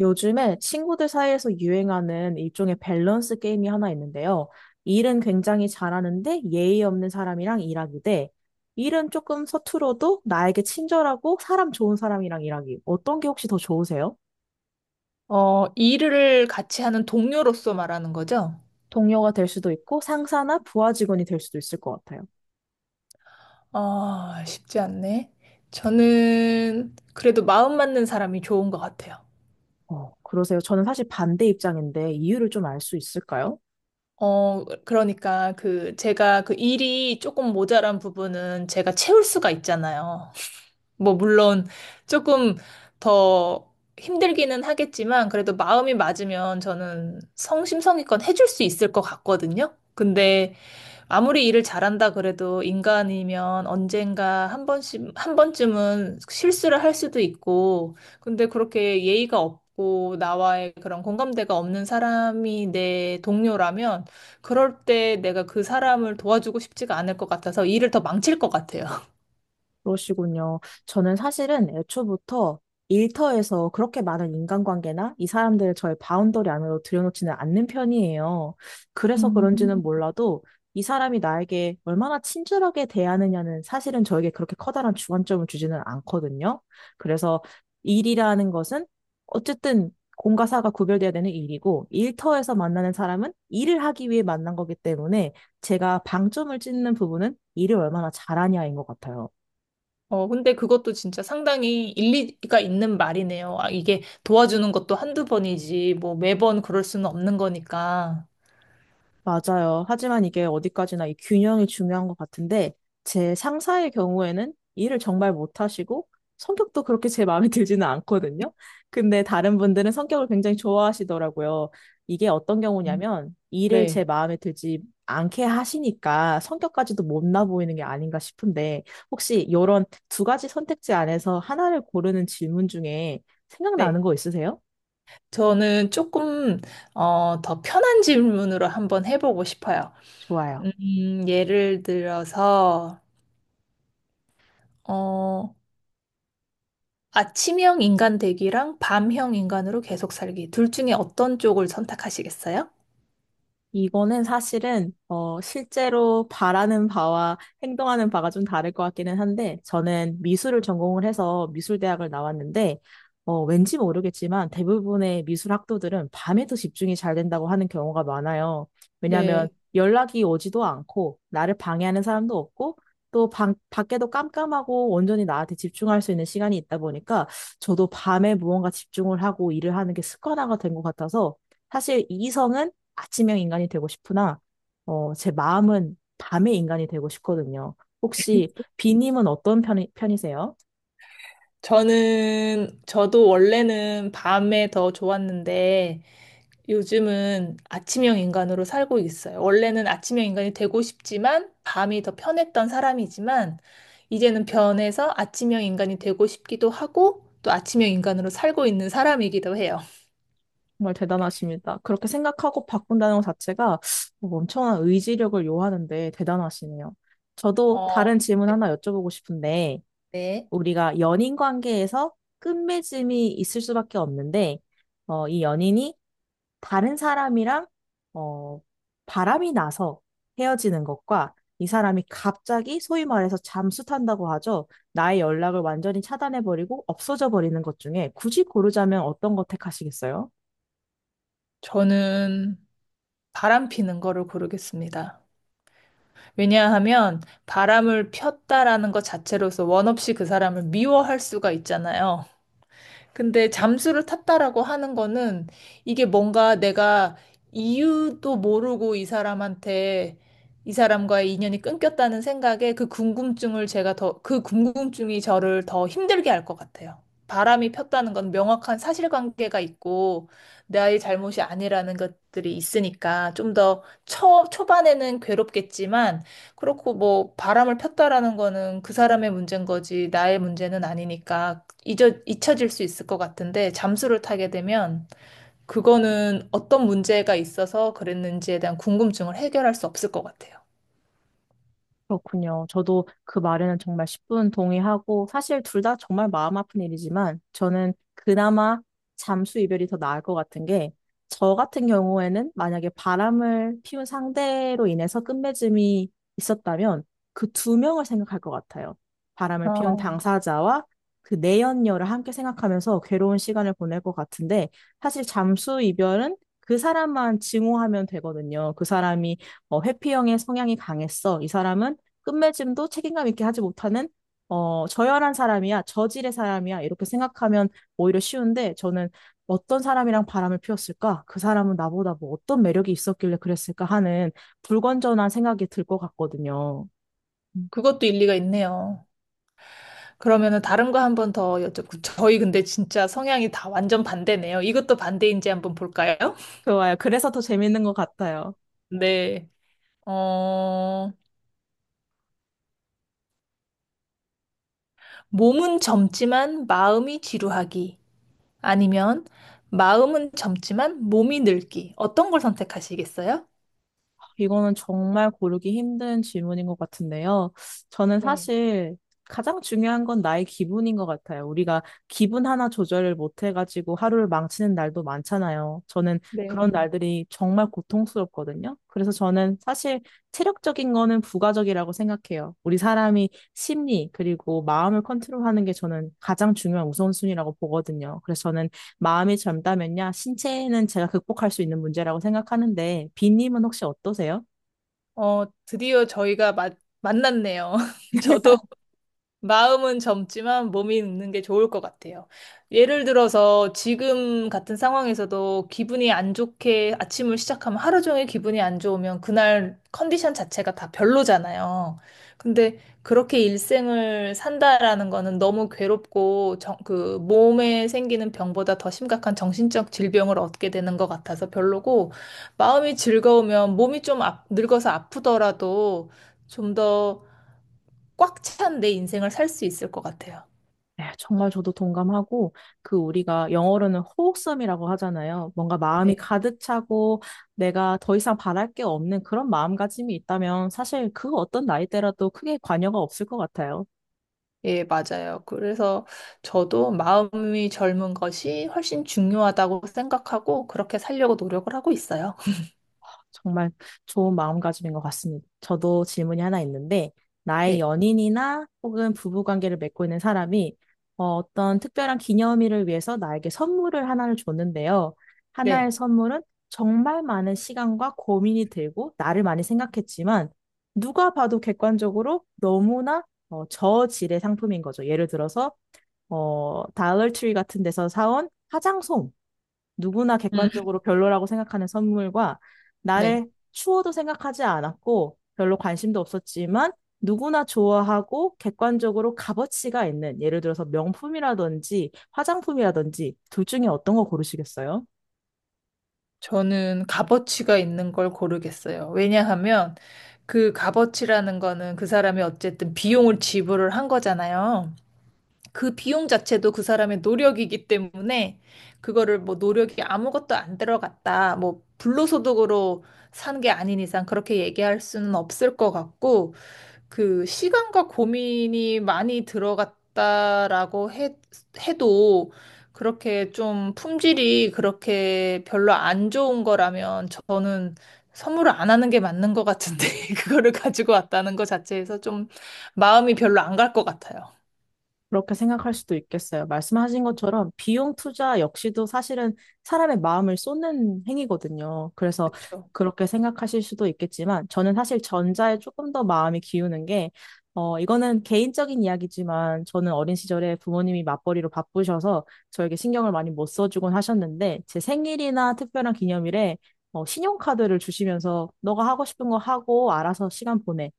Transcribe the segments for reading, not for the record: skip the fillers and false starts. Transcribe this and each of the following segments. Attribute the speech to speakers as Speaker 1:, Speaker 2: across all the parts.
Speaker 1: 요즘에 친구들 사이에서 유행하는 일종의 밸런스 게임이 하나 있는데요. 일은 굉장히 잘하는데 예의 없는 사람이랑 일하기 대 일은 조금 서툴어도 나에게 친절하고 사람 좋은 사람이랑 일하기. 어떤 게 혹시 더 좋으세요?
Speaker 2: 일을 같이 하는 동료로서 말하는 거죠?
Speaker 1: 동료가 될 수도 있고 상사나 부하 직원이 될 수도 있을 것 같아요.
Speaker 2: 아, 쉽지 않네. 저는 그래도 마음 맞는 사람이 좋은 것 같아요.
Speaker 1: 그러세요? 저는 사실 반대 입장인데 이유를 좀 알 수 있을까요?
Speaker 2: 그러니까 그 제가 그 일이 조금 모자란 부분은 제가 채울 수가 있잖아요. 뭐 물론 조금 더 힘들기는 하겠지만 그래도 마음이 맞으면 저는 성심성의껏 해줄 수 있을 것 같거든요. 근데 아무리 일을 잘한다 그래도 인간이면 언젠가 한 번씩, 한 번쯤은 실수를 할 수도 있고, 근데 그렇게 예의가 없고, 나와의 그런 공감대가 없는 사람이 내 동료라면, 그럴 때 내가 그 사람을 도와주고 싶지가 않을 것 같아서 일을 더 망칠 것 같아요.
Speaker 1: 그러시군요. 저는 사실은 애초부터 일터에서 그렇게 많은 인간관계나 이 사람들을 저의 바운더리 안으로 들여놓지는 않는 편이에요. 그래서
Speaker 2: 음.
Speaker 1: 그런지는 몰라도 이 사람이 나에게 얼마나 친절하게 대하느냐는 사실은 저에게 그렇게 커다란 주관점을 주지는 않거든요. 그래서 일이라는 것은 어쨌든 공과 사가 구별돼야 되는 일이고 일터에서 만나는 사람은 일을 하기 위해 만난 거기 때문에 제가 방점을 찍는 부분은 일을 얼마나 잘하냐인 것 같아요.
Speaker 2: 근데 그것도 진짜 상당히 일리가 있는 말이네요. 아, 이게 도와주는 것도 한두 번이지, 뭐 매번 그럴 수는 없는 거니까.
Speaker 1: 맞아요. 하지만 이게 어디까지나 이 균형이 중요한 것 같은데, 제 상사의 경우에는 일을 정말 못하시고, 성격도 그렇게 제 마음에 들지는 않거든요. 근데 다른 분들은 성격을 굉장히 좋아하시더라고요. 이게 어떤
Speaker 2: 음.
Speaker 1: 경우냐면, 일을 제
Speaker 2: 네.
Speaker 1: 마음에 들지 않게 하시니까 성격까지도 못나 보이는 게 아닌가 싶은데, 혹시 이런 두 가지 선택지 안에서 하나를 고르는 질문 중에
Speaker 2: 네.
Speaker 1: 생각나는 거 있으세요?
Speaker 2: 저는 조금 더 편한 질문으로 한번 해보고 싶어요.
Speaker 1: 좋아요.
Speaker 2: 예를 들어서 어, 아침형 인간 되기랑 밤형 인간으로 계속 살기 둘 중에 어떤 쪽을 선택하시겠어요?
Speaker 1: 이거는 사실은 실제로 바라는 바와 행동하는 바가 좀 다를 것 같기는 한데 저는 미술을 전공을 해서 미술대학을 나왔는데 왠지 모르겠지만 대부분의 미술 학도들은 밤에도 집중이 잘 된다고 하는 경우가 많아요. 왜냐하면
Speaker 2: 네,
Speaker 1: 연락이 오지도 않고 나를 방해하는 사람도 없고 또 방, 밖에도 깜깜하고 온전히 나한테 집중할 수 있는 시간이 있다 보니까 저도 밤에 무언가 집중을 하고 일을 하는 게 습관화가 된 것 같아서 사실 이성은 아침형 인간이 되고 싶으나, 제 마음은 밤의 인간이 되고 싶거든요. 혹시 비님은 어떤 편이, 편이세요?
Speaker 2: 저는 저도 원래는 밤에 더 좋았는데 요즘은 아침형 인간으로 살고 있어요. 원래는 아침형 인간이 되고 싶지만 밤이 더 편했던 사람이지만 이제는 변해서 아침형 인간이 되고 싶기도 하고 또 아침형 인간으로 살고 있는 사람이기도 해요.
Speaker 1: 정말 대단하십니다. 그렇게 생각하고 바꾼다는 것 자체가 뭐 엄청난 의지력을 요하는데 대단하시네요. 저도 다른
Speaker 2: 어,
Speaker 1: 질문 하나 여쭤보고 싶은데,
Speaker 2: 네.
Speaker 1: 우리가 연인 관계에서 끝맺음이 있을 수밖에 없는데, 이 연인이 다른 사람이랑 어, 바람이 나서 헤어지는 것과 이 사람이 갑자기 소위 말해서 잠수탄다고 하죠. 나의 연락을 완전히 차단해버리고 없어져 버리는 것 중에 굳이 고르자면 어떤 거 택하시겠어요?
Speaker 2: 저는 바람 피는 거를 고르겠습니다. 왜냐하면 바람을 폈다라는 것 자체로서 원 없이 그 사람을 미워할 수가 있잖아요. 근데 잠수를 탔다라고 하는 거는 이게 뭔가 내가 이유도 모르고 이 사람한테 이 사람과의 인연이 끊겼다는 생각에 그 궁금증을 제가 더, 그 궁금증이 저를 더 힘들게 할 것 같아요. 바람이 폈다는 건 명확한 사실관계가 있고 나의 잘못이 아니라는 것들이 있으니까 좀 더 초, 초반에는 괴롭겠지만 그렇고 뭐 바람을 폈다라는 거는 그 사람의 문제인 거지 나의 문제는 아니니까 잊어, 잊혀질 수 있을 것 같은데 잠수를 타게 되면 그거는 어떤 문제가 있어서 그랬는지에 대한 궁금증을 해결할 수 없을 것 같아요.
Speaker 1: 그렇군요. 저도 그 말에는 정말 10분 동의하고, 사실 둘 다 정말 마음 아픈 일이지만, 저는 그나마 잠수 이별이 더 나을 것 같은 게, 저 같은 경우에는 만약에 바람을 피운 상대로 인해서 끝맺음이 있었다면, 그 두 명을 생각할 것 같아요. 바람을 피운
Speaker 2: 어,
Speaker 1: 당사자와 그 내연녀를 함께 생각하면서 괴로운 시간을 보낼 것 같은데, 사실 잠수 이별은 그 사람만 증오하면 되거든요. 그 사람이 회피형의 성향이 강했어. 이 사람은 끝맺음도 책임감 있게 하지 못하는 저열한 사람이야, 저질의 사람이야 이렇게 생각하면 오히려 쉬운데 저는 어떤 사람이랑 바람을 피웠을까? 그 사람은 나보다 뭐 어떤 매력이 있었길래 그랬을까 하는 불건전한 생각이 들 것 같거든요.
Speaker 2: 그것도 일리가 있네요. 그러면은 다른 거 한 번 더 여쭤보고 저희 근데 진짜 성향이 다 완전 반대네요. 이것도 반대인지 한번 볼까요?
Speaker 1: 좋아요. 그래서 더 재밌는 것 같아요.
Speaker 2: 네. 어, 몸은 젊지만 마음이 지루하기 아니면 마음은 젊지만 몸이 늙기 어떤 걸 선택하시겠어요?
Speaker 1: 이거는 정말 고르기 힘든 질문인 것 같은데요. 저는
Speaker 2: 네,
Speaker 1: 사실 가장 중요한 건 나의 기분인 것 같아요. 우리가 기분 하나 조절을 못 해가지고 하루를 망치는 날도 많잖아요. 저는 그런
Speaker 2: 네.
Speaker 1: 날들이 정말 고통스럽거든요. 그래서 저는 사실 체력적인 거는 부가적이라고 생각해요. 우리 사람이 심리, 그리고 마음을 컨트롤하는 게 저는 가장 중요한 우선순위라고 보거든요. 그래서 저는 마음이 젊다면야 신체는 제가 극복할 수 있는 문제라고 생각하는데 비님은 혹시 어떠세요?
Speaker 2: 어, 드디어 저희가 마, 만났네요. 저도 마음은 젊지만 몸이 늙는 게 좋을 것 같아요. 예를 들어서 지금 같은 상황에서도 기분이 안 좋게 아침을 시작하면 하루 종일 기분이 안 좋으면 그날 컨디션 자체가 다 별로잖아요. 근데 그렇게 일생을 산다라는 거는 너무 괴롭고 정, 그 몸에 생기는 병보다 더 심각한 정신적 질병을 얻게 되는 것 같아서 별로고 마음이 즐거우면 몸이 좀 아- 늙어서 아프더라도 좀더 꽉 찬 내 인생을 살 수 있을 것 같아요.
Speaker 1: 네, 정말 저도 동감하고 그 우리가 영어로는 호흡섬이라고 하잖아요. 뭔가 마음이
Speaker 2: 네.
Speaker 1: 가득 차고 내가 더 이상 바랄 게 없는 그런 마음가짐이 있다면 사실 그 어떤 나이대라도 크게 관여가 없을 것 같아요.
Speaker 2: 예, 맞아요. 그래서 저도 마음이 젊은 것이 훨씬 중요하다고 생각하고 그렇게 살려고 노력을 하고 있어요.
Speaker 1: 정말 좋은 마음가짐인 것 같습니다. 저도 질문이 하나 있는데, 나의
Speaker 2: 네.
Speaker 1: 연인이나 혹은 부부관계를 맺고 있는 사람이 어떤 특별한 기념일을 위해서 나에게 선물을 하나를 줬는데요.
Speaker 2: 네.
Speaker 1: 하나의 선물은 정말 많은 시간과 고민이 들고 나를 많이 생각했지만, 누가 봐도 객관적으로 너무나 저질의 상품인 거죠. 예를 들어서, 다이어트리 같은 데서 사온 화장솜. 누구나
Speaker 2: 음.
Speaker 1: 객관적으로 별로라고 생각하는 선물과
Speaker 2: 네.
Speaker 1: 나를 추워도 생각하지 않았고 별로 관심도 없었지만 누구나 좋아하고 객관적으로 값어치가 있는 예를 들어서 명품이라든지 화장품이라든지 둘 중에 어떤 거 고르시겠어요?
Speaker 2: 저는 값어치가 있는 걸 고르겠어요. 왜냐하면 그 값어치라는 거는 그 사람이 어쨌든 비용을 지불을 한 거잖아요. 그 비용 자체도 그 사람의 노력이기 때문에 그거를 뭐 노력이 아무것도 안 들어갔다. 뭐 불로소득으로 산 게 아닌 이상 그렇게 얘기할 수는 없을 것 같고 그 시간과 고민이 많이 들어갔다라고 해, 해도 그렇게 좀 품질이 그렇게 별로 안 좋은 거라면 저는 선물을 안 하는 게 맞는 것 같은데 그거를 가지고 왔다는 것 자체에서 좀 마음이 별로 안 갈 것 같아요.
Speaker 1: 그렇게 생각할 수도 있겠어요. 말씀하신 것처럼 비용 투자 역시도 사실은 사람의 마음을 쏟는 행위거든요. 그래서
Speaker 2: 그쵸.
Speaker 1: 그렇게 생각하실 수도 있겠지만 저는 사실 전자에 조금 더 마음이 기우는 게 이거는 개인적인 이야기지만 저는 어린 시절에 부모님이 맞벌이로 바쁘셔서 저에게 신경을 많이 못 써주곤 하셨는데 제 생일이나 특별한 기념일에 신용카드를 주시면서 너가 하고 싶은 거 하고 알아서 시간 보내.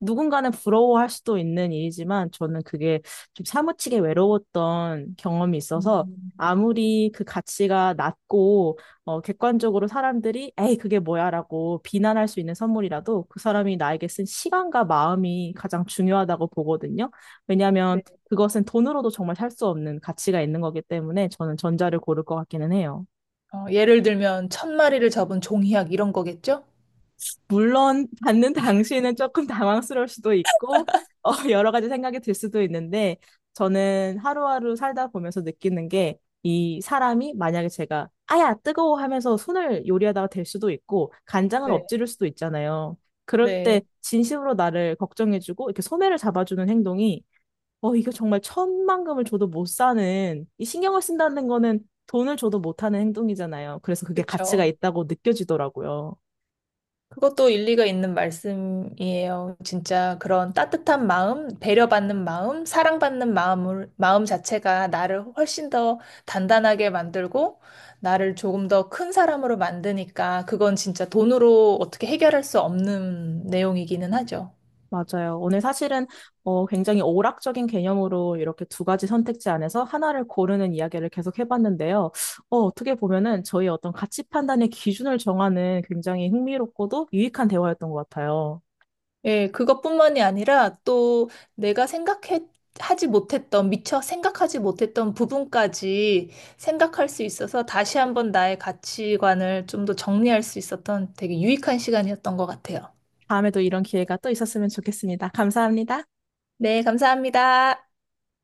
Speaker 1: 누군가는 부러워할 수도 있는 일이지만 저는 그게 좀 사무치게 외로웠던 경험이 있어서
Speaker 2: 음,
Speaker 1: 아무리 그 가치가 낮고 객관적으로 사람들이 에이 그게 뭐야라고 비난할 수 있는 선물이라도 그 사람이 나에게 쓴 시간과 마음이 가장 중요하다고 보거든요. 왜냐하면
Speaker 2: 네.
Speaker 1: 그것은 돈으로도 정말 살 수 없는 가치가 있는 거기 때문에 저는 전자를 고를 것 같기는 해요.
Speaker 2: 예를 들면 천 마리를 접은 종이학 이런 거겠죠?
Speaker 1: 물론 받는 당시에는 조금 당황스러울 수도 있고 여러 가지 생각이 들 수도 있는데 저는 하루하루 살다 보면서 느끼는 게 이 사람이 만약에 제가 아야 뜨거워 하면서 손을 요리하다가 될 수도 있고 간장을
Speaker 2: 네,
Speaker 1: 엎지를 수도 있잖아요. 그럴
Speaker 2: 네,
Speaker 1: 때 진심으로 나를 걱정해주고 이렇게 소매를 잡아주는 행동이 어 이거 정말 천만금을 줘도 못 사는 이 신경을 쓴다는 거는 돈을 줘도 못하는 행동이잖아요. 그래서 그게 가치가
Speaker 2: 그렇죠.
Speaker 1: 있다고 느껴지더라고요.
Speaker 2: 그것도 일리가 있는 말씀이에요. 진짜 그런 따뜻한 마음, 배려받는 마음, 사랑받는 마음을, 마음 자체가 나를 훨씬 더 단단하게 만들고 나를 조금 더 큰 사람으로 만드니까 그건 진짜 돈으로 어떻게 해결할 수 없는 내용이기는 하죠.
Speaker 1: 맞아요. 오늘 사실은 굉장히 오락적인 개념으로 이렇게 두 가지 선택지 안에서 하나를 고르는 이야기를 계속 해봤는데요. 어떻게 보면은 저희 어떤 가치 판단의 기준을 정하는 굉장히 흥미롭고도 유익한 대화였던 것 같아요.
Speaker 2: 예, 그것뿐만이 아니라 또 내가 생각해 하지 못했던, 미처 생각하지 못했던 부분까지 생각할 수 있어서 다시 한번 나의 가치관을 좀 더 정리할 수 있었던 되게 유익한 시간이었던 것 같아요.
Speaker 1: 다음에도 이런 기회가 또 있었으면 좋겠습니다. 감사합니다.
Speaker 2: 네, 감사합니다.